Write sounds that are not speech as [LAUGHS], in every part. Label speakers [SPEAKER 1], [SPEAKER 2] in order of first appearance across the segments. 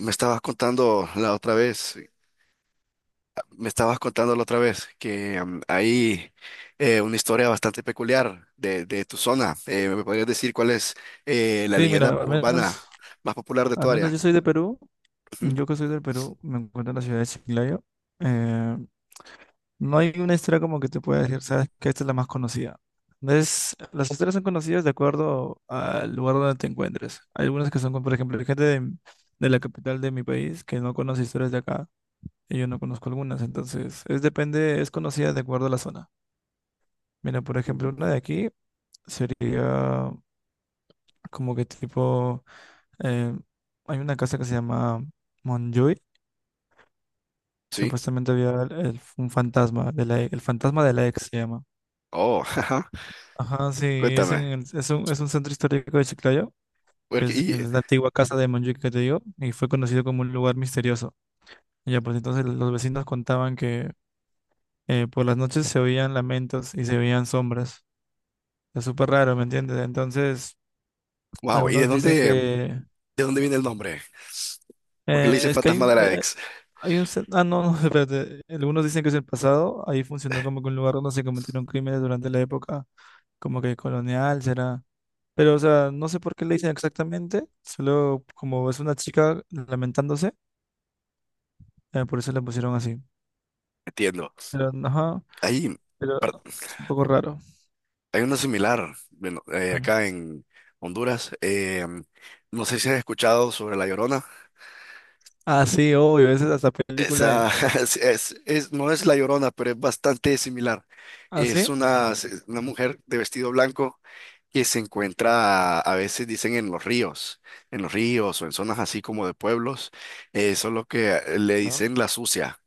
[SPEAKER 1] Me estabas contando la otra vez, me estabas contando la otra vez que hay una historia bastante peculiar de tu zona. ¿Me podrías decir cuál es la
[SPEAKER 2] Sí, mira,
[SPEAKER 1] leyenda
[SPEAKER 2] al menos,
[SPEAKER 1] urbana más popular de
[SPEAKER 2] al
[SPEAKER 1] tu
[SPEAKER 2] menos
[SPEAKER 1] área?
[SPEAKER 2] yo soy de Perú.
[SPEAKER 1] Ujú.
[SPEAKER 2] Yo que soy del Perú, me encuentro en la ciudad de Chiclayo. Eh, no hay una historia como que te pueda decir, sabes que esta es la más conocida. No es, las historias son conocidas de acuerdo al lugar donde te encuentres. Hay algunas que son, como, por ejemplo, hay gente de la capital de mi país que no conoce historias de acá y yo no conozco algunas. Entonces, es depende, es conocida de acuerdo a la zona. Mira, por ejemplo,
[SPEAKER 1] Ujú.
[SPEAKER 2] una de aquí sería como que tipo. eh, Hay una casa que se llama Montjuïc.
[SPEAKER 1] Sí.
[SPEAKER 2] Supuestamente había un fantasma de la, e- el fantasma de la ex se llama.
[SPEAKER 1] Oh, [LAUGHS] ajá.
[SPEAKER 2] Ajá, sí, es,
[SPEAKER 1] Cuéntame.
[SPEAKER 2] es un centro histórico de Chiclayo, que
[SPEAKER 1] Porque-
[SPEAKER 2] es, que
[SPEAKER 1] y,
[SPEAKER 2] es la antigua casa de Montjuïc que te digo, y fue conocido como un lugar misterioso. Ya, pues entonces los vecinos contaban que por las noches se oían lamentos y se veían sombras. Es súper raro, ¿me entiendes? Entonces,
[SPEAKER 1] wow, ¿y
[SPEAKER 2] algunos dicen que
[SPEAKER 1] de dónde viene el nombre? ¿Por qué le dice
[SPEAKER 2] es que hay
[SPEAKER 1] fantasma de
[SPEAKER 2] un,
[SPEAKER 1] la ex?
[SPEAKER 2] Ah, no, no, [LAUGHS] espérate. Algunos dicen que es el pasado. Ahí funcionó como que un lugar donde se cometieron crímenes durante la época, como que colonial, será. Pero, o sea, no sé por qué le dicen exactamente. Solo como es una chica lamentándose, por eso le pusieron así.
[SPEAKER 1] Entiendo.
[SPEAKER 2] Pero, ajá,
[SPEAKER 1] Ahí
[SPEAKER 2] pero
[SPEAKER 1] per-
[SPEAKER 2] es un poco raro.
[SPEAKER 1] Hay una similar, bueno,
[SPEAKER 2] Ok.
[SPEAKER 1] acá en Honduras. No sé si has escuchado sobre La Llorona.
[SPEAKER 2] Ah, sí, obvio, esa es hasta película
[SPEAKER 1] Esa,
[SPEAKER 2] hay.
[SPEAKER 1] [LAUGHS] no es La Llorona, pero es bastante similar.
[SPEAKER 2] ¿Ah,
[SPEAKER 1] Es
[SPEAKER 2] sí?
[SPEAKER 1] una mujer de vestido blanco que se encuentra, a veces dicen, en los ríos o en zonas así como de pueblos. Eso es lo que le
[SPEAKER 2] ¿No?
[SPEAKER 1] dicen la sucia.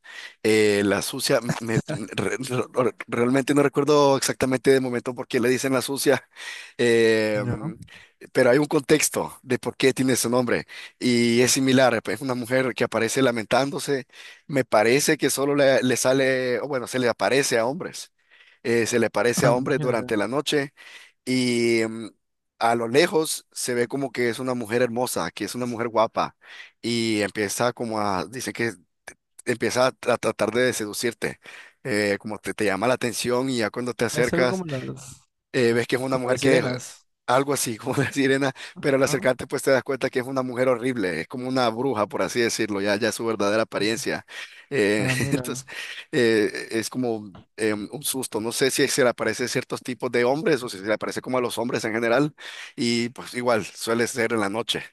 [SPEAKER 1] La sucia,
[SPEAKER 2] [LAUGHS]
[SPEAKER 1] realmente no recuerdo exactamente de momento por qué le dicen la sucia, eh, mm,
[SPEAKER 2] No.
[SPEAKER 1] pero hay un contexto de por qué tiene ese nombre y es similar. Es una mujer que aparece lamentándose, me parece que solo le sale, o bueno, se le aparece a hombres. Se le aparece a
[SPEAKER 2] Ah,
[SPEAKER 1] hombres
[SPEAKER 2] imagínate.
[SPEAKER 1] durante la noche y a lo lejos se ve como que es una mujer hermosa, que es una mujer guapa y empieza como a, dice que empieza a, tratar de seducirte, como te llama la atención, y ya cuando te
[SPEAKER 2] Es algo
[SPEAKER 1] acercas
[SPEAKER 2] como las,
[SPEAKER 1] ves que es una
[SPEAKER 2] como
[SPEAKER 1] mujer
[SPEAKER 2] las
[SPEAKER 1] que es
[SPEAKER 2] sirenas.
[SPEAKER 1] algo así [LAUGHS] como una sirena, pero al
[SPEAKER 2] Ajá.
[SPEAKER 1] acercarte pues te das cuenta que es una mujer horrible, es como una bruja, por así decirlo, ya es su verdadera
[SPEAKER 2] Sí.
[SPEAKER 1] apariencia.
[SPEAKER 2] Ah,
[SPEAKER 1] [LAUGHS]
[SPEAKER 2] mira.
[SPEAKER 1] Entonces, es como un susto, no sé si se le aparece a ciertos tipos de hombres o si se le aparece como a los hombres en general, y pues igual suele ser en la noche,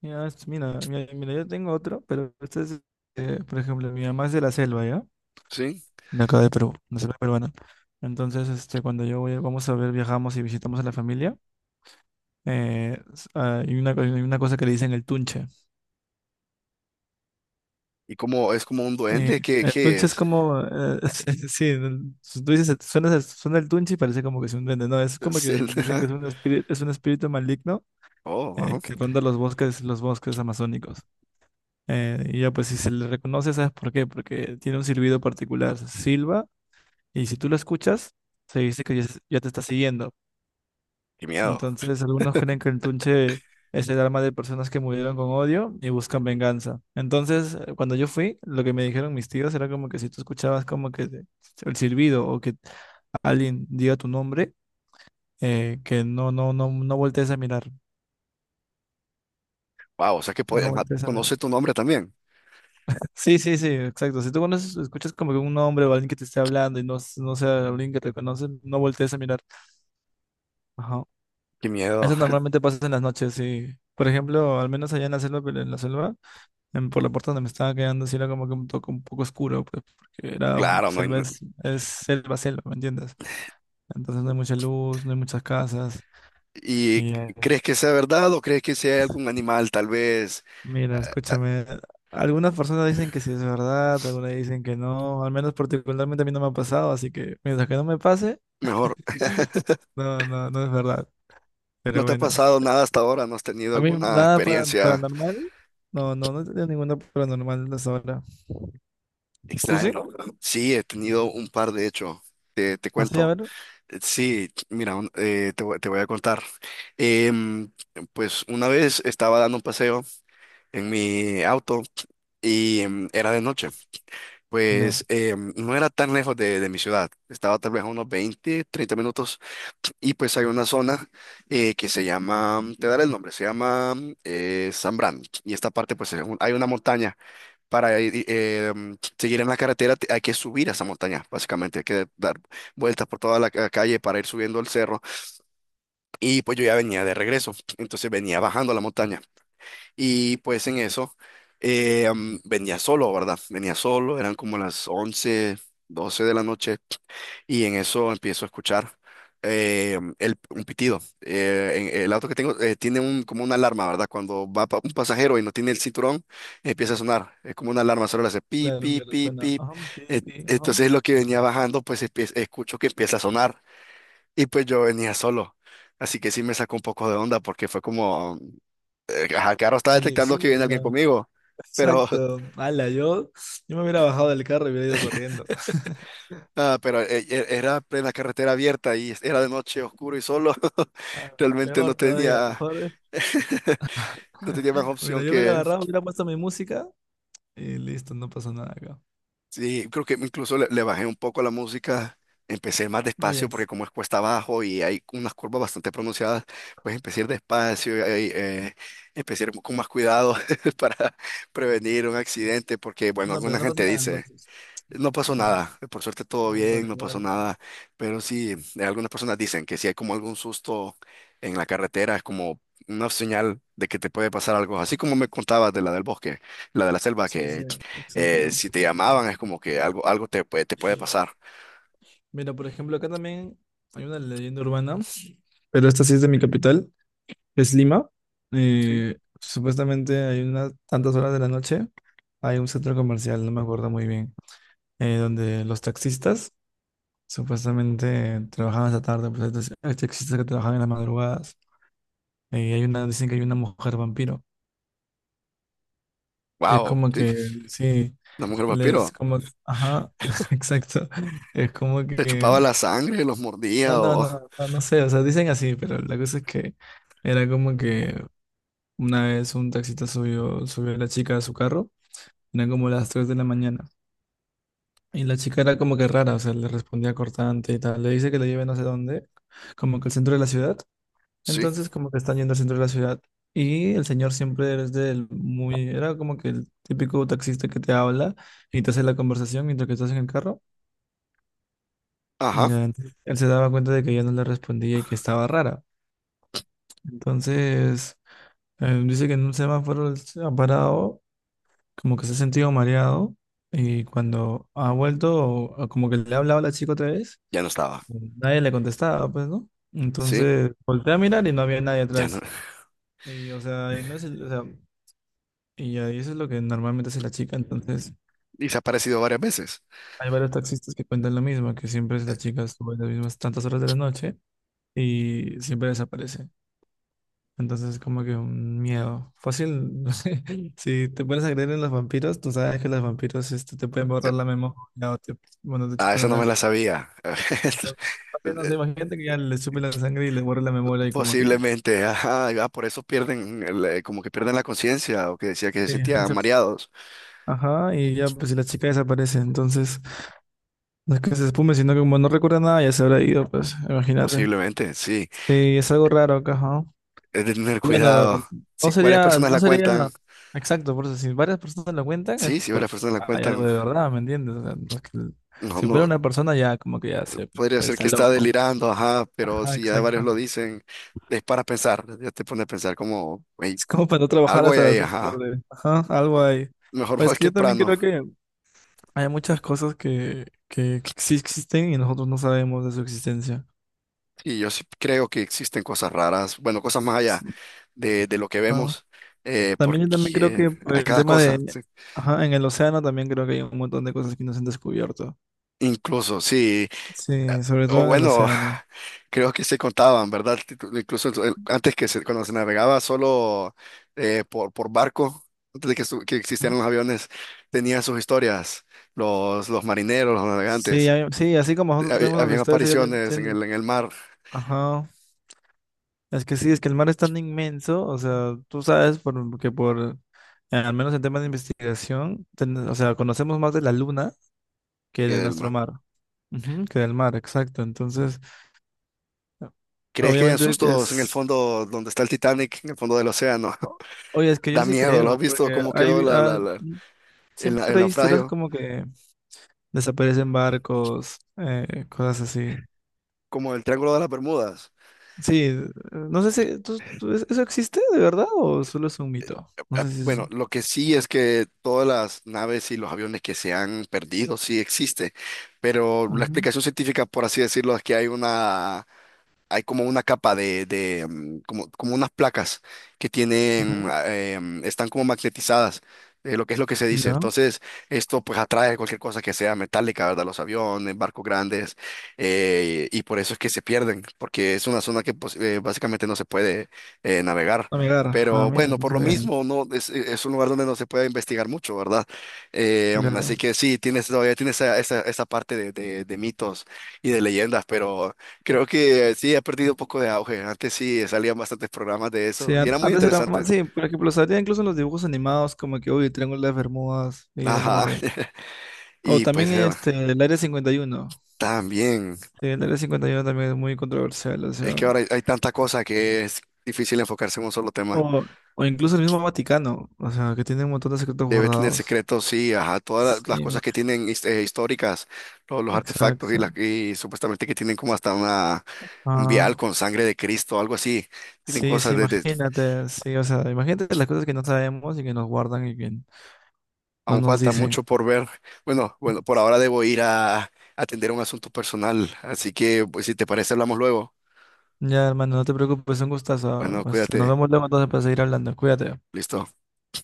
[SPEAKER 2] Ya, mira, mira, mira, yo tengo otro, pero este es, por ejemplo, mi mamá es de la selva, ¿ya?
[SPEAKER 1] ¿sí?
[SPEAKER 2] De acá de Perú, la selva peruana. Entonces, este, cuando yo voy, vamos a ver, viajamos y visitamos a la familia, hay una cosa que le dicen el tunche.
[SPEAKER 1] ¿Y como es como un duende, qué,
[SPEAKER 2] El
[SPEAKER 1] qué
[SPEAKER 2] tunche es
[SPEAKER 1] es?
[SPEAKER 2] como, [LAUGHS] sí, sí, tú dices, suena el tunche y parece como que es un duende, no, es como
[SPEAKER 1] Es
[SPEAKER 2] que
[SPEAKER 1] el-
[SPEAKER 2] dicen que es
[SPEAKER 1] [LAUGHS]
[SPEAKER 2] un espíritu, es un espíritu maligno,
[SPEAKER 1] Oh, ajá,
[SPEAKER 2] que ronda los bosques amazónicos. Y ya pues si se le reconoce, ¿sabes por qué? Porque tiene un silbido particular, silba, y si tú lo escuchas, se dice que ya, ya te está siguiendo.
[SPEAKER 1] qué miedo.
[SPEAKER 2] Entonces algunos creen que el tunche es el alma de personas que murieron con odio y buscan venganza. Entonces, cuando yo fui, lo que me dijeron mis tíos era como que si tú escuchabas como que el silbido o que alguien diga tu nombre, que no, no, no, no voltees a mirar,
[SPEAKER 1] Wow, o sea que puede-
[SPEAKER 2] no
[SPEAKER 1] ajá,
[SPEAKER 2] voltees a mirar.
[SPEAKER 1] conoce tu nombre también.
[SPEAKER 2] Sí, sí, sí, exacto. Si tú conoces, escuchas como que un hombre o alguien que te esté hablando y no, no sea alguien que te conoce, no voltees a mirar. Ajá.
[SPEAKER 1] Qué miedo.
[SPEAKER 2] Eso
[SPEAKER 1] [LAUGHS]
[SPEAKER 2] normalmente pasa en las noches, y por ejemplo, al menos allá en la selva, pero en la selva, por la puerta donde me estaba quedando, sí era como que un toque un poco oscuro, pues, porque era
[SPEAKER 1] Claro, no, hay-
[SPEAKER 2] selva, es selva, selva, ¿me entiendes? Entonces no hay mucha luz, no hay muchas casas.
[SPEAKER 1] ¿Y
[SPEAKER 2] Y
[SPEAKER 1] crees que sea verdad o crees que sea algún animal? Tal vez, eh,
[SPEAKER 2] mira, escúchame, algunas personas dicen que sí es verdad, algunas dicen que no, al menos particularmente a mí no me ha pasado, así que mientras que no me pase...
[SPEAKER 1] mejor,
[SPEAKER 2] No, no, no es verdad.
[SPEAKER 1] ¿no
[SPEAKER 2] Pero
[SPEAKER 1] te ha
[SPEAKER 2] bueno,
[SPEAKER 1] pasado
[SPEAKER 2] este,
[SPEAKER 1] nada hasta ahora? ¿No has tenido
[SPEAKER 2] a mí
[SPEAKER 1] alguna
[SPEAKER 2] nada
[SPEAKER 1] experiencia
[SPEAKER 2] paranormal. No, no, no he tenido ninguna paranormal hasta ahora. ¿Tú
[SPEAKER 1] extraña?
[SPEAKER 2] sí?
[SPEAKER 1] [CLEARS THROAT] Sí, he tenido un par, de hecho. Te
[SPEAKER 2] Así, a
[SPEAKER 1] cuento.
[SPEAKER 2] ver.
[SPEAKER 1] Sí, mira, te voy a contar. Em, pues una vez estaba dando un paseo en mi auto y era de noche.
[SPEAKER 2] Yo.
[SPEAKER 1] Pues no era tan lejos de mi ciudad. Estaba tal vez a unos 20, 30 minutos. Y pues hay una zona que se llama, te daré el nombre, se llama Zambrano. Y esta parte, pues es un- hay una montaña. Para seguir en la carretera hay que subir a esa montaña, básicamente. Hay que dar vueltas por toda la calle para ir subiendo el cerro. Y pues yo ya venía de regreso, entonces venía bajando la montaña. Y pues en eso venía solo, ¿verdad? Venía solo, eran como las 11, 12 de la noche. Y en eso empiezo a escuchar un pitido. El auto que tengo tiene un, como una alarma, ¿verdad? Cuando va un pasajero y no tiene el cinturón, empieza a sonar. Es como una alarma, solo le hace pip,
[SPEAKER 2] Claro,
[SPEAKER 1] pip,
[SPEAKER 2] claro,
[SPEAKER 1] pip,
[SPEAKER 2] suena.
[SPEAKER 1] pip.
[SPEAKER 2] Ajá, pi,
[SPEAKER 1] Eh,
[SPEAKER 2] pi, ajá.
[SPEAKER 1] entonces lo que venía bajando, pues escucho que empieza a sonar. Y pues yo venía solo. Así que sí me sacó un poco de onda porque fue como, ajá, claro, estaba
[SPEAKER 2] Oye,
[SPEAKER 1] detectando que
[SPEAKER 2] sí, o
[SPEAKER 1] viene
[SPEAKER 2] sea,
[SPEAKER 1] alguien conmigo,
[SPEAKER 2] [LAUGHS]
[SPEAKER 1] pero
[SPEAKER 2] exacto. Ala, yo me hubiera bajado del carro y hubiera ido corriendo. [LAUGHS]
[SPEAKER 1] Ah, pero era plena carretera abierta y era de noche oscuro y solo. [LAUGHS]
[SPEAKER 2] Ah,
[SPEAKER 1] Realmente no
[SPEAKER 2] peor todavía,
[SPEAKER 1] tenía,
[SPEAKER 2] mejor.
[SPEAKER 1] [LAUGHS] no tenía más
[SPEAKER 2] [LAUGHS] Mira,
[SPEAKER 1] opción
[SPEAKER 2] yo hubiera
[SPEAKER 1] que,
[SPEAKER 2] agarrado, hubiera puesto mi música y listo, no pasó nada acá.
[SPEAKER 1] sí, creo que incluso le bajé un poco a la música. Empecé más despacio
[SPEAKER 2] Oye,
[SPEAKER 1] porque como es cuesta abajo y hay unas curvas bastante pronunciadas, pues empecé a ir despacio, y, empecé a ir con más cuidado [LAUGHS] para prevenir un accidente porque, bueno,
[SPEAKER 2] no, pero
[SPEAKER 1] alguna
[SPEAKER 2] no pasa
[SPEAKER 1] gente
[SPEAKER 2] nada
[SPEAKER 1] dice...
[SPEAKER 2] entonces.
[SPEAKER 1] No
[SPEAKER 2] O
[SPEAKER 1] pasó
[SPEAKER 2] sea,
[SPEAKER 1] nada, por suerte todo
[SPEAKER 2] pero
[SPEAKER 1] bien, no pasó
[SPEAKER 2] igual.
[SPEAKER 1] nada, pero sí, algunas personas dicen que si hay como algún susto en la carretera, es como una señal de que te puede pasar algo, así como me contabas de la del bosque, la de la selva,
[SPEAKER 2] Sí, sí,
[SPEAKER 1] que
[SPEAKER 2] exacto.
[SPEAKER 1] si te llamaban es como que algo, algo te puede pasar.
[SPEAKER 2] Mira, por ejemplo, acá también hay una leyenda urbana, pero esta sí es de mi capital, es Lima.
[SPEAKER 1] Sí.
[SPEAKER 2] Supuestamente hay unas tantas horas de la noche, hay un centro comercial, no me acuerdo muy bien, donde los taxistas supuestamente trabajaban hasta tarde, pues hay hay taxistas que trabajan en las madrugadas. Dicen que hay una mujer vampiro, que es
[SPEAKER 1] Wow,
[SPEAKER 2] como
[SPEAKER 1] sí,
[SPEAKER 2] que, sí,
[SPEAKER 1] la mujer
[SPEAKER 2] les
[SPEAKER 1] vampiro,
[SPEAKER 2] como, ajá, [LAUGHS] exacto, es como
[SPEAKER 1] te chupaba
[SPEAKER 2] que
[SPEAKER 1] la sangre, los
[SPEAKER 2] no,
[SPEAKER 1] mordía
[SPEAKER 2] no,
[SPEAKER 1] o...
[SPEAKER 2] no, no, no sé, o sea, dicen así, pero la cosa es que era como que una vez un taxista subió, a la chica a su carro, eran como las 3 de la mañana, y la chica era como que rara, o sea, le respondía cortante y tal, le dice que la lleve no sé dónde, como que al centro de la ciudad,
[SPEAKER 1] Sí,
[SPEAKER 2] entonces como que están yendo al centro de la ciudad, y el señor siempre es del muy, era como que el típico taxista que te habla y te hace la conversación mientras que estás en el carro,
[SPEAKER 1] ajá,
[SPEAKER 2] ya, entonces, él se daba cuenta de que ella no le respondía y que estaba rara, entonces... Dice que en un semáforo él se ha parado, como que se ha sentido mareado, y cuando ha vuelto, o como que le ha hablado a la chica otra vez,
[SPEAKER 1] ya no estaba,
[SPEAKER 2] nadie le contestaba, pues, ¿no?
[SPEAKER 1] sí,
[SPEAKER 2] Entonces volteé a mirar y no había nadie
[SPEAKER 1] ya no.
[SPEAKER 2] atrás.
[SPEAKER 1] [LAUGHS]
[SPEAKER 2] Y, o sea, y no es o sea, y ahí eso es lo que normalmente hace la chica. Entonces,
[SPEAKER 1] Y se ha aparecido varias veces.
[SPEAKER 2] hay varios taxistas que cuentan lo mismo, que siempre es la chica sube las mismas tantas horas de la noche y siempre desaparece. Entonces es como que un miedo. Fácil, [LAUGHS] no sé, si te pones a creer en los vampiros, tú sabes que los vampiros este, te pueden borrar la memoria o te, bueno, te
[SPEAKER 1] Ah,
[SPEAKER 2] chupan
[SPEAKER 1] eso
[SPEAKER 2] la
[SPEAKER 1] no me
[SPEAKER 2] sangre.
[SPEAKER 1] la sabía.
[SPEAKER 2] Entonces, fácil, no sé,
[SPEAKER 1] [LAUGHS]
[SPEAKER 2] imagínate que ya le chupen la sangre y le borren la memoria y como que ya.
[SPEAKER 1] Posiblemente, ajá, ah, por eso pierden, como que pierden la conciencia o que decía que se
[SPEAKER 2] Sí,
[SPEAKER 1] sentían
[SPEAKER 2] eso.
[SPEAKER 1] mareados.
[SPEAKER 2] Ajá, y ya pues si la chica desaparece, entonces no es que se espume, sino que como no recuerda nada, ya se habrá ido, pues, imagínate.
[SPEAKER 1] Posiblemente, sí,
[SPEAKER 2] Sí, es algo raro acá, ajá.
[SPEAKER 1] es de tener cuidado.
[SPEAKER 2] Bueno, no
[SPEAKER 1] Si varias
[SPEAKER 2] sería,
[SPEAKER 1] personas
[SPEAKER 2] no
[SPEAKER 1] la
[SPEAKER 2] sería
[SPEAKER 1] cuentan,
[SPEAKER 2] exacto, por eso si varias personas lo cuentan es
[SPEAKER 1] sí, si varias
[SPEAKER 2] porque
[SPEAKER 1] personas la
[SPEAKER 2] hay algo
[SPEAKER 1] cuentan,
[SPEAKER 2] de verdad, ¿me entiendes? O sea, no es
[SPEAKER 1] no,
[SPEAKER 2] si fuera
[SPEAKER 1] no,
[SPEAKER 2] una persona ya como que ya se
[SPEAKER 1] podría
[SPEAKER 2] pues
[SPEAKER 1] ser
[SPEAKER 2] está
[SPEAKER 1] que está
[SPEAKER 2] loco.
[SPEAKER 1] delirando, ajá, pero
[SPEAKER 2] Ajá,
[SPEAKER 1] si ya varios
[SPEAKER 2] exacto.
[SPEAKER 1] lo dicen, es para pensar, ya te pone a pensar como, "Ey,
[SPEAKER 2] Es como para no trabajar
[SPEAKER 1] algo hay
[SPEAKER 2] hasta las
[SPEAKER 1] ahí",
[SPEAKER 2] 6
[SPEAKER 1] ajá,
[SPEAKER 2] tarde. Ajá, algo ahí.
[SPEAKER 1] mejor [LAUGHS]
[SPEAKER 2] Pues
[SPEAKER 1] voy
[SPEAKER 2] que yo también
[SPEAKER 1] temprano.
[SPEAKER 2] creo que hay muchas cosas que sí existen y nosotros no sabemos de su existencia.
[SPEAKER 1] Y yo sí creo que existen cosas raras, bueno, cosas más allá
[SPEAKER 2] Sí.
[SPEAKER 1] de lo que
[SPEAKER 2] Ajá.
[SPEAKER 1] vemos,
[SPEAKER 2] También yo también creo
[SPEAKER 1] porque
[SPEAKER 2] que por
[SPEAKER 1] hay
[SPEAKER 2] el
[SPEAKER 1] cada
[SPEAKER 2] tema
[SPEAKER 1] cosa.
[SPEAKER 2] de,
[SPEAKER 1] Sí.
[SPEAKER 2] ajá, en el océano también creo que hay un montón de cosas que no se han descubierto.
[SPEAKER 1] Incluso, sí,
[SPEAKER 2] Sí, sobre
[SPEAKER 1] o
[SPEAKER 2] todo en el
[SPEAKER 1] bueno,
[SPEAKER 2] océano.
[SPEAKER 1] [SIGHS] creo que se contaban, ¿verdad? Incluso en antes que se- cuando se navegaba solo por barco, antes de que, que
[SPEAKER 2] Ujú.
[SPEAKER 1] existieran los aviones, tenían sus historias, los marineros, los
[SPEAKER 2] Sí,
[SPEAKER 1] navegantes,
[SPEAKER 2] sí, así como nosotros tenemos las
[SPEAKER 1] Habían
[SPEAKER 2] historias, ellos también
[SPEAKER 1] apariciones
[SPEAKER 2] tienen.
[SPEAKER 1] en el mar,
[SPEAKER 2] Ajá. Es que sí, es que el mar es tan inmenso, o sea, tú sabes por, que por, al menos en temas de investigación, o sea, conocemos más de la luna que
[SPEAKER 1] que
[SPEAKER 2] de
[SPEAKER 1] del
[SPEAKER 2] nuestro
[SPEAKER 1] mar.
[SPEAKER 2] mar. Ujú, que del mar, exacto. Entonces,
[SPEAKER 1] ¿Crees que hay
[SPEAKER 2] obviamente
[SPEAKER 1] sustos en el
[SPEAKER 2] es,
[SPEAKER 1] fondo donde está el Titanic, en el fondo del océano?
[SPEAKER 2] o- oye,
[SPEAKER 1] [LAUGHS]
[SPEAKER 2] es que yo
[SPEAKER 1] Da
[SPEAKER 2] sí
[SPEAKER 1] miedo, ¿lo has
[SPEAKER 2] creo,
[SPEAKER 1] visto
[SPEAKER 2] porque
[SPEAKER 1] cómo quedó la- el
[SPEAKER 2] siempre hay historias
[SPEAKER 1] naufragio?
[SPEAKER 2] como que desaparecen barcos, cosas así.
[SPEAKER 1] Como el Triángulo de las Bermudas.
[SPEAKER 2] Sí, no sé si eso existe de verdad o solo es un mito. No
[SPEAKER 1] Ah,
[SPEAKER 2] sé si es
[SPEAKER 1] bueno,
[SPEAKER 2] eso.
[SPEAKER 1] lo que sí es que todas las naves y los aviones que se han perdido sí existe, pero la
[SPEAKER 2] Ujú,
[SPEAKER 1] explicación científica, por así decirlo, es que hay una hay como una capa de, como, como unas placas que tienen,
[SPEAKER 2] ujú,
[SPEAKER 1] están como magnetizadas, lo que es lo que se dice.
[SPEAKER 2] ya.
[SPEAKER 1] Entonces, esto pues atrae cualquier cosa que sea metálica, ¿verdad? Los aviones, barcos grandes, y por eso es que se pierden, porque es una zona que pues, básicamente no se puede navegar.
[SPEAKER 2] Amigar, ah,
[SPEAKER 1] Pero
[SPEAKER 2] mira,
[SPEAKER 1] bueno,
[SPEAKER 2] no
[SPEAKER 1] por lo
[SPEAKER 2] sabía.
[SPEAKER 1] mismo, no es, es un lugar donde no se puede investigar mucho, ¿verdad? Así
[SPEAKER 2] Claro.
[SPEAKER 1] que sí, tienes todavía tienes esa parte de, de mitos y de leyendas, pero creo que sí, ha perdido un poco de auge. Antes sí salían bastantes programas de
[SPEAKER 2] Sí,
[SPEAKER 1] eso y era muy
[SPEAKER 2] antes era más,
[SPEAKER 1] interesante.
[SPEAKER 2] sí, por ejemplo, salía incluso en los dibujos animados como que, uy, Triángulo de las Bermudas, y era como
[SPEAKER 1] Ajá.
[SPEAKER 2] que...
[SPEAKER 1] [LAUGHS]
[SPEAKER 2] O
[SPEAKER 1] Y
[SPEAKER 2] también
[SPEAKER 1] pues
[SPEAKER 2] este, el Área 51.
[SPEAKER 1] también,
[SPEAKER 2] Sí, el Área 51 también es muy controversial, o
[SPEAKER 1] es
[SPEAKER 2] sea...
[SPEAKER 1] que ahora hay, hay tanta cosa que es difícil enfocarse en un solo tema.
[SPEAKER 2] O, o incluso el mismo Vaticano, o sea, que tiene un montón de secretos
[SPEAKER 1] Debe tener
[SPEAKER 2] guardados.
[SPEAKER 1] secretos, sí, ajá, todas las
[SPEAKER 2] Sí,
[SPEAKER 1] cosas que tienen históricas, todos los artefactos y,
[SPEAKER 2] exacto.
[SPEAKER 1] las y supuestamente que tienen como hasta una, un
[SPEAKER 2] Ah.
[SPEAKER 1] vial con sangre de Cristo, algo así. Tienen
[SPEAKER 2] Sí, sí,
[SPEAKER 1] cosas desde
[SPEAKER 2] imagínate, sí, o sea, imagínate las cosas que no sabemos y que nos guardan y que no
[SPEAKER 1] Aún
[SPEAKER 2] nos
[SPEAKER 1] falta
[SPEAKER 2] dicen.
[SPEAKER 1] mucho por ver. Bueno, bueno, por ahora debo ir a atender un asunto personal, así que pues si te parece hablamos luego.
[SPEAKER 2] Ya, hermano, no te preocupes, un gustazo.
[SPEAKER 1] Bueno,
[SPEAKER 2] Nos
[SPEAKER 1] cuídate.
[SPEAKER 2] vemos luego entonces para seguir hablando. Cuídate.
[SPEAKER 1] Listo.